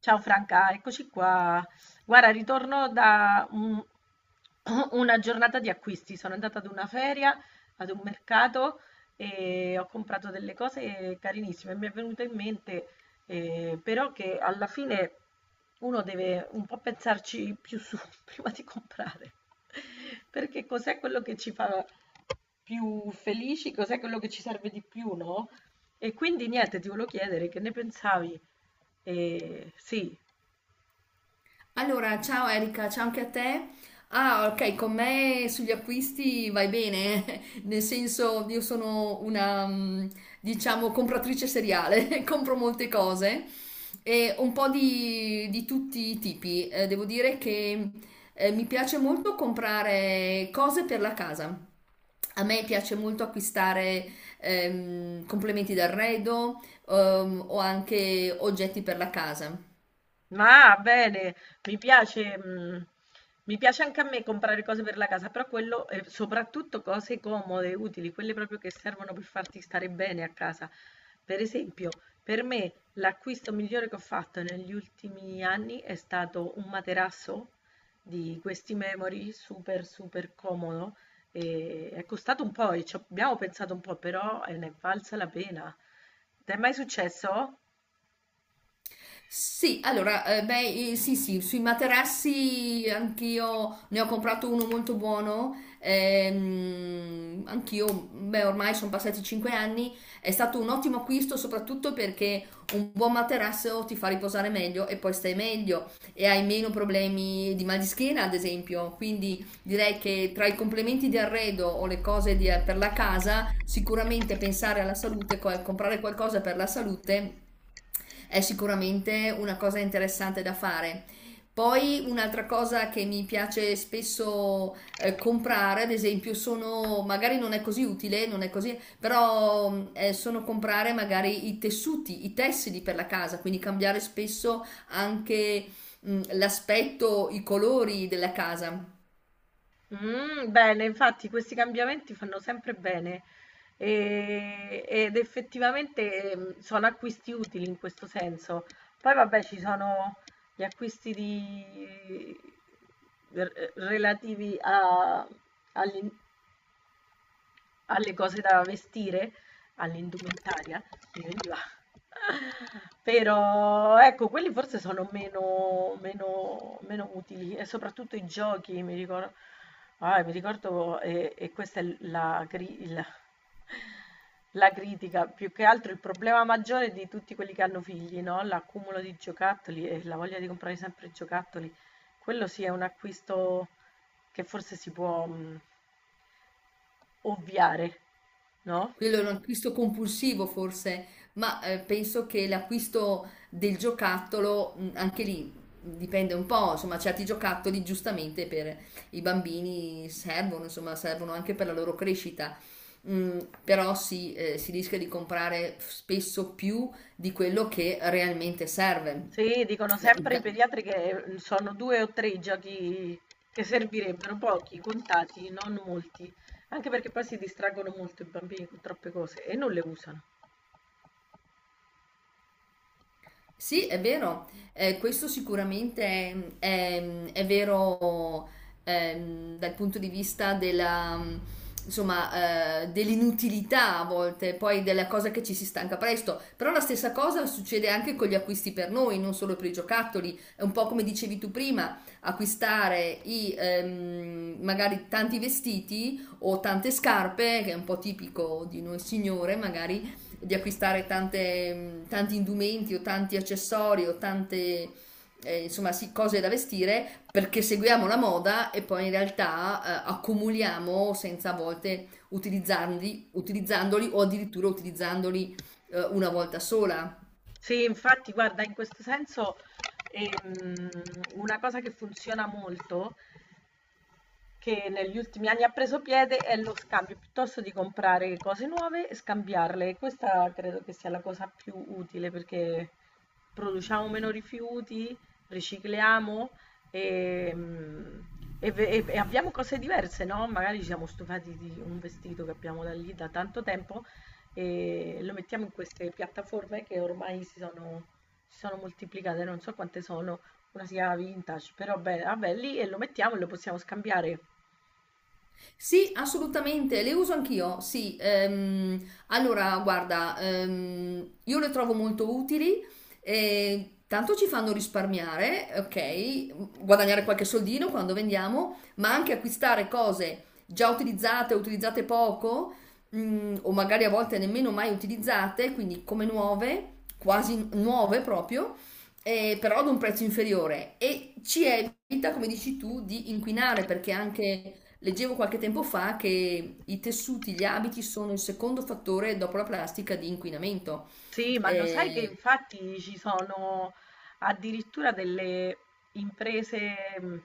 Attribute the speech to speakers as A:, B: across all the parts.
A: Ciao Franca, eccoci qua. Guarda, ritorno da una giornata di acquisti. Sono andata ad una feria, ad un mercato e ho comprato delle cose carinissime. Mi è venuto in mente però che alla fine uno deve un po' pensarci più su prima di comprare. Perché cos'è quello che ci fa più felici? Cos'è quello che ci serve di più, no? E quindi niente, ti volevo chiedere che ne pensavi, sì,
B: Allora, ciao Erika, ciao anche a te. Ah, ok, con me sugli acquisti vai bene, eh. Nel senso io sono una, diciamo, compratrice seriale, compro molte cose e un po' di tutti i tipi. Devo dire che mi piace molto comprare cose per la casa. A me piace molto acquistare complementi d'arredo o anche oggetti per la casa.
A: ma bene, mi piace, mh, mi piace anche a me comprare cose per la casa, però quello, e soprattutto cose comode, utili, quelle proprio che servono per farti stare bene a casa. Per esempio, per me l'acquisto migliore che ho fatto negli ultimi anni è stato un materasso di questi Memory, super super comodo, e è costato un po', e ci abbiamo pensato un po', però ne è valsa la pena. Ti è mai successo?
B: Sì, allora, beh, sì, sì, sui materassi anch'io ne ho comprato uno molto buono. Anch'io, beh, ormai sono passati 5 anni. È stato un ottimo acquisto, soprattutto perché un buon materasso ti fa riposare meglio e poi stai meglio e hai meno problemi di mal di schiena, ad esempio. Quindi direi che tra i complementi di arredo o le cose per la casa, sicuramente pensare alla salute, comprare qualcosa per la salute è sicuramente una cosa interessante da fare. Poi un'altra cosa che mi piace spesso comprare, ad esempio, sono, magari non è così utile, non è così, però sono comprare magari i tessuti, i tessili per la casa, quindi cambiare spesso anche l'aspetto, i colori della casa.
A: Mm, bene, infatti questi cambiamenti fanno sempre bene ed effettivamente mm, sono acquisti utili in questo senso. Poi vabbè, ci sono gli relativi agli, alle cose da vestire, all'indumentaria, mi veniva. Però ecco, quelli forse sono meno, meno, meno utili e soprattutto i giochi, mi ricordo, ah, mi ricordo e questa è la critica, più che altro il problema maggiore di tutti quelli che hanno figli, no? L'accumulo di giocattoli e la voglia di comprare sempre giocattoli. Quello sì è un acquisto che forse si può ovviare, no?
B: Quello è un acquisto compulsivo forse, ma penso che l'acquisto del giocattolo, anche lì dipende un po', insomma, certi giocattoli giustamente per i bambini servono, insomma, servono anche per la loro crescita. Mm, però si, si rischia di comprare spesso più di quello che realmente serve.
A: Sì, dicono
B: Beh,
A: sempre i pediatri che mm, sono due o tre i giochi che servirebbero, pochi, contati, non molti, anche perché poi si distraggono molto i bambini con troppe cose e non le usano.
B: sì, è vero, questo sicuramente è vero dal punto di vista della, insomma, dell'inutilità a volte, poi della cosa che ci si stanca presto, però la stessa cosa succede anche con gli acquisti per noi, non solo per i giocattoli, è un po' come dicevi tu prima, acquistare i, magari tanti vestiti o tante scarpe, che è un po' tipico di noi signore, magari di acquistare tanti indumenti o tanti accessori o tante insomma, sì, cose da vestire perché seguiamo la moda e poi in realtà accumuliamo senza a volte utilizzandoli o addirittura utilizzandoli una volta sola.
A: Sì, infatti, guarda, in questo senso ehm, una cosa che funziona molto che negli ultimi anni ha preso piede è lo scambio, piuttosto di comprare cose nuove, scambiarle. Questa credo che sia la cosa più utile perché produciamo meno rifiuti, ricicliamo e, mm, e e abbiamo cose diverse, no? Magari ci siamo stufati di un vestito che abbiamo da lì da tanto tempo e lo mettiamo in queste piattaforme che ormai si sono moltiplicate, non so quante sono, una sia vintage, però beh, vabbè, lì e lo mettiamo e lo possiamo scambiare.
B: Sì, assolutamente, le uso anch'io, sì. Allora, guarda, io le trovo molto utili, tanto ci fanno risparmiare, ok, guadagnare qualche soldino quando vendiamo, ma anche acquistare cose già utilizzate, utilizzate poco, o magari a volte nemmeno mai utilizzate, quindi come nuove, quasi nuove proprio, però ad un prezzo inferiore. E ci evita, come dici tu, di inquinare, perché anche leggevo qualche tempo fa che i tessuti, gli abiti sono il secondo fattore dopo la plastica di inquinamento.
A: Sì, ma lo sai che
B: Eh,
A: infatti ci sono addirittura delle imprese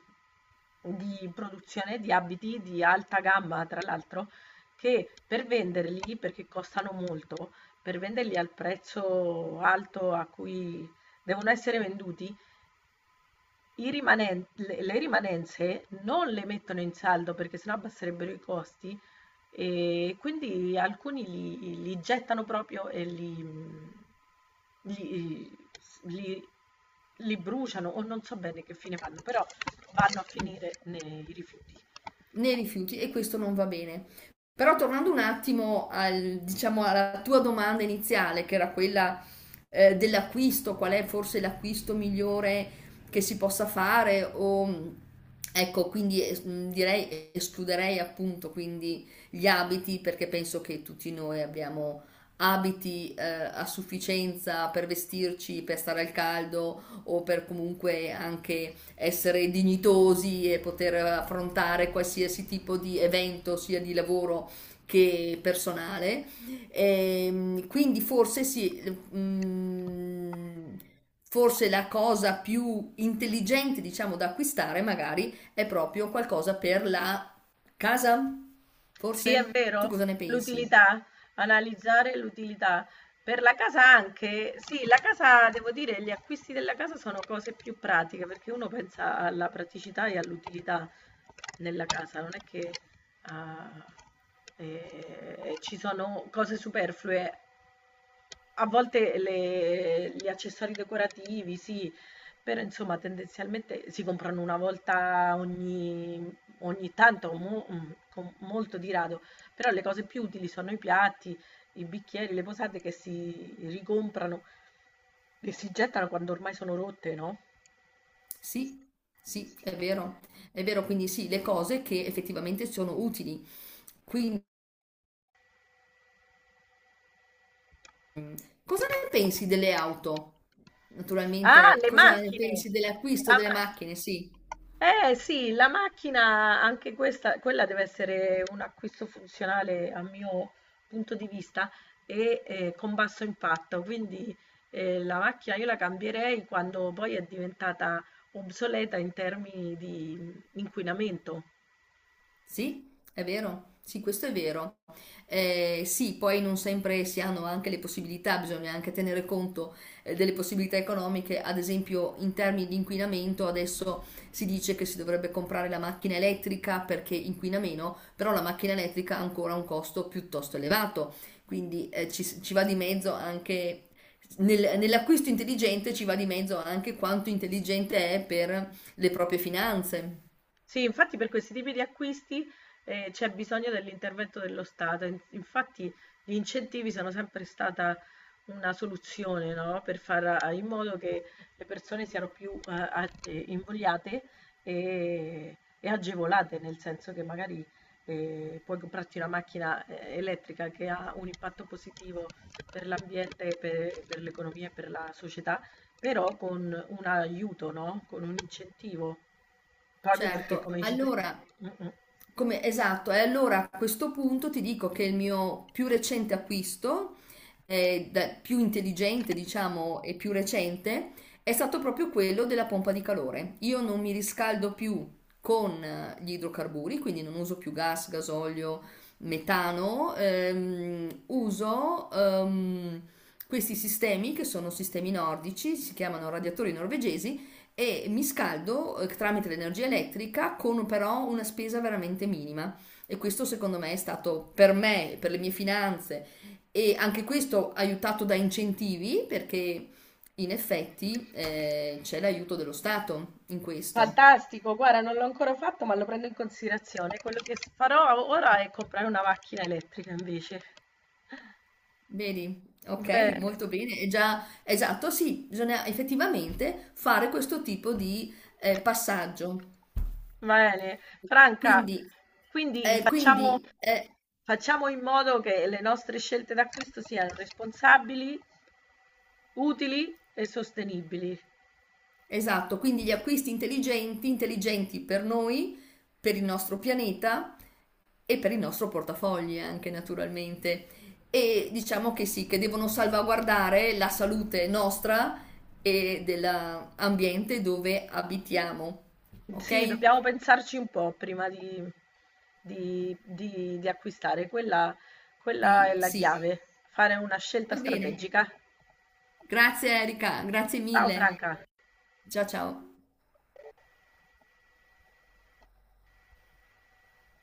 A: di produzione di abiti di alta gamma, tra l'altro, che per venderli, perché costano molto, per venderli al prezzo alto a cui devono essere venduti, i le rimanenze non le mettono in saldo perché sennò abbasserebbero i costi e quindi alcuni li, li gettano proprio e li, mm, li- li- li bruciano o non so bene che fine fanno, però vanno a
B: mm.
A: finire nei rifiuti.
B: Nei rifiuti e questo non va bene. Però tornando un attimo al, diciamo, alla tua domanda iniziale, che era quella dell'acquisto, qual è forse l'acquisto migliore che si possa fare o ecco, quindi direi escluderei appunto quindi gli abiti perché penso che tutti noi abbiamo abiti a sufficienza per vestirci, per stare al caldo o per comunque anche essere dignitosi e poter affrontare qualsiasi tipo di evento, sia di lavoro che personale. E, quindi forse sì, mm, forse la cosa più intelligente, diciamo, da acquistare magari è proprio qualcosa per la casa.
A: Sì, è
B: Forse tu
A: vero,
B: cosa ne pensi?
A: l'utilità, analizzare l'utilità. Per la casa anche, sì, la casa, devo dire, gli acquisti della casa sono cose più pratiche, perché uno pensa alla praticità e all'utilità nella casa, non è che ah, ci sono cose superflue. A volte gli accessori decorativi, sì, però insomma tendenzialmente si comprano ogni tanto, mm, con molto di rado, però le cose più utili sono i piatti, i bicchieri, le posate che si ricomprano e si gettano quando ormai sono rotte, no?
B: Sì, sì, è vero. È vero, quindi sì, le cose che effettivamente sono utili. Quindi cosa ne pensi delle auto?
A: Ah,
B: Naturalmente,
A: le
B: cosa ne
A: macchine!
B: pensi dell'acquisto
A: La
B: delle macchine?
A: macchina!
B: Sì.
A: Eh sì, la macchina, anche questa, quella deve essere un acquisto funzionale a mio punto di vista e con basso impatto, quindi la macchina io la cambierei quando poi è diventata obsoleta in termini di inquinamento.
B: Sì, è vero, sì, questo è vero. Sì, poi non sempre si hanno anche le possibilità, bisogna anche tenere conto delle possibilità economiche, ad esempio in termini di inquinamento, adesso si dice che si dovrebbe comprare la macchina elettrica perché inquina meno, però la macchina elettrica ha ancora un costo piuttosto elevato, quindi ci va di mezzo anche nell'acquisto intelligente, ci va di mezzo anche quanto intelligente è per le proprie finanze.
A: Sì, infatti per questi tipi di acquisti c'è bisogno dell'intervento dello Stato. Infatti gli incentivi sono sempre stata una soluzione, no? Per fare in modo che le persone siano più invogliate e agevolate, nel senso che magari puoi comprarti una macchina elettrica che ha un impatto positivo per l'ambiente, per l'economia e per la società, però con un aiuto, no? Con un incentivo. Proprio perché,
B: Certo,
A: come dici tu,
B: allora
A: mh-mh.
B: come, esatto, e allora a questo punto ti dico che il mio più recente acquisto, più intelligente diciamo e più recente, è stato proprio quello della pompa di calore. Io non mi riscaldo più con gli idrocarburi, quindi non uso più gas, gasolio, metano, uso questi sistemi che sono sistemi nordici, si chiamano radiatori norvegesi e mi scaldo tramite l'energia elettrica con però una spesa veramente minima e questo secondo me è stato per me, per le mie finanze e anche questo aiutato da incentivi perché in effetti c'è l'aiuto dello Stato in questo.
A: Fantastico, guarda non l'ho ancora fatto, ma lo prendo in considerazione. Quello che s farò ora è comprare una macchina elettrica invece.
B: Vedi? Ok,
A: Bene,
B: molto bene. È già esatto, sì, bisogna effettivamente fare questo tipo di passaggio.
A: bene. Franca,
B: Quindi,
A: quindi
B: eh, quindi, eh,
A: facciamo in modo che le nostre scelte d'acquisto siano responsabili, utili e sostenibili.
B: esatto, quindi gli acquisti intelligenti, intelligenti per noi, per il nostro pianeta e per il nostro portafogli anche naturalmente. E diciamo che sì, che devono salvaguardare la salute nostra e dell'ambiente dove abitiamo. Ok?
A: Sì, dobbiamo pensarci un po' prima di acquistare. Quella è
B: Di,
A: la
B: sì,
A: chiave, fare una scelta
B: va bene.
A: strategica.
B: Grazie Erika, grazie
A: Ciao
B: mille.
A: Franca.
B: Ciao ciao.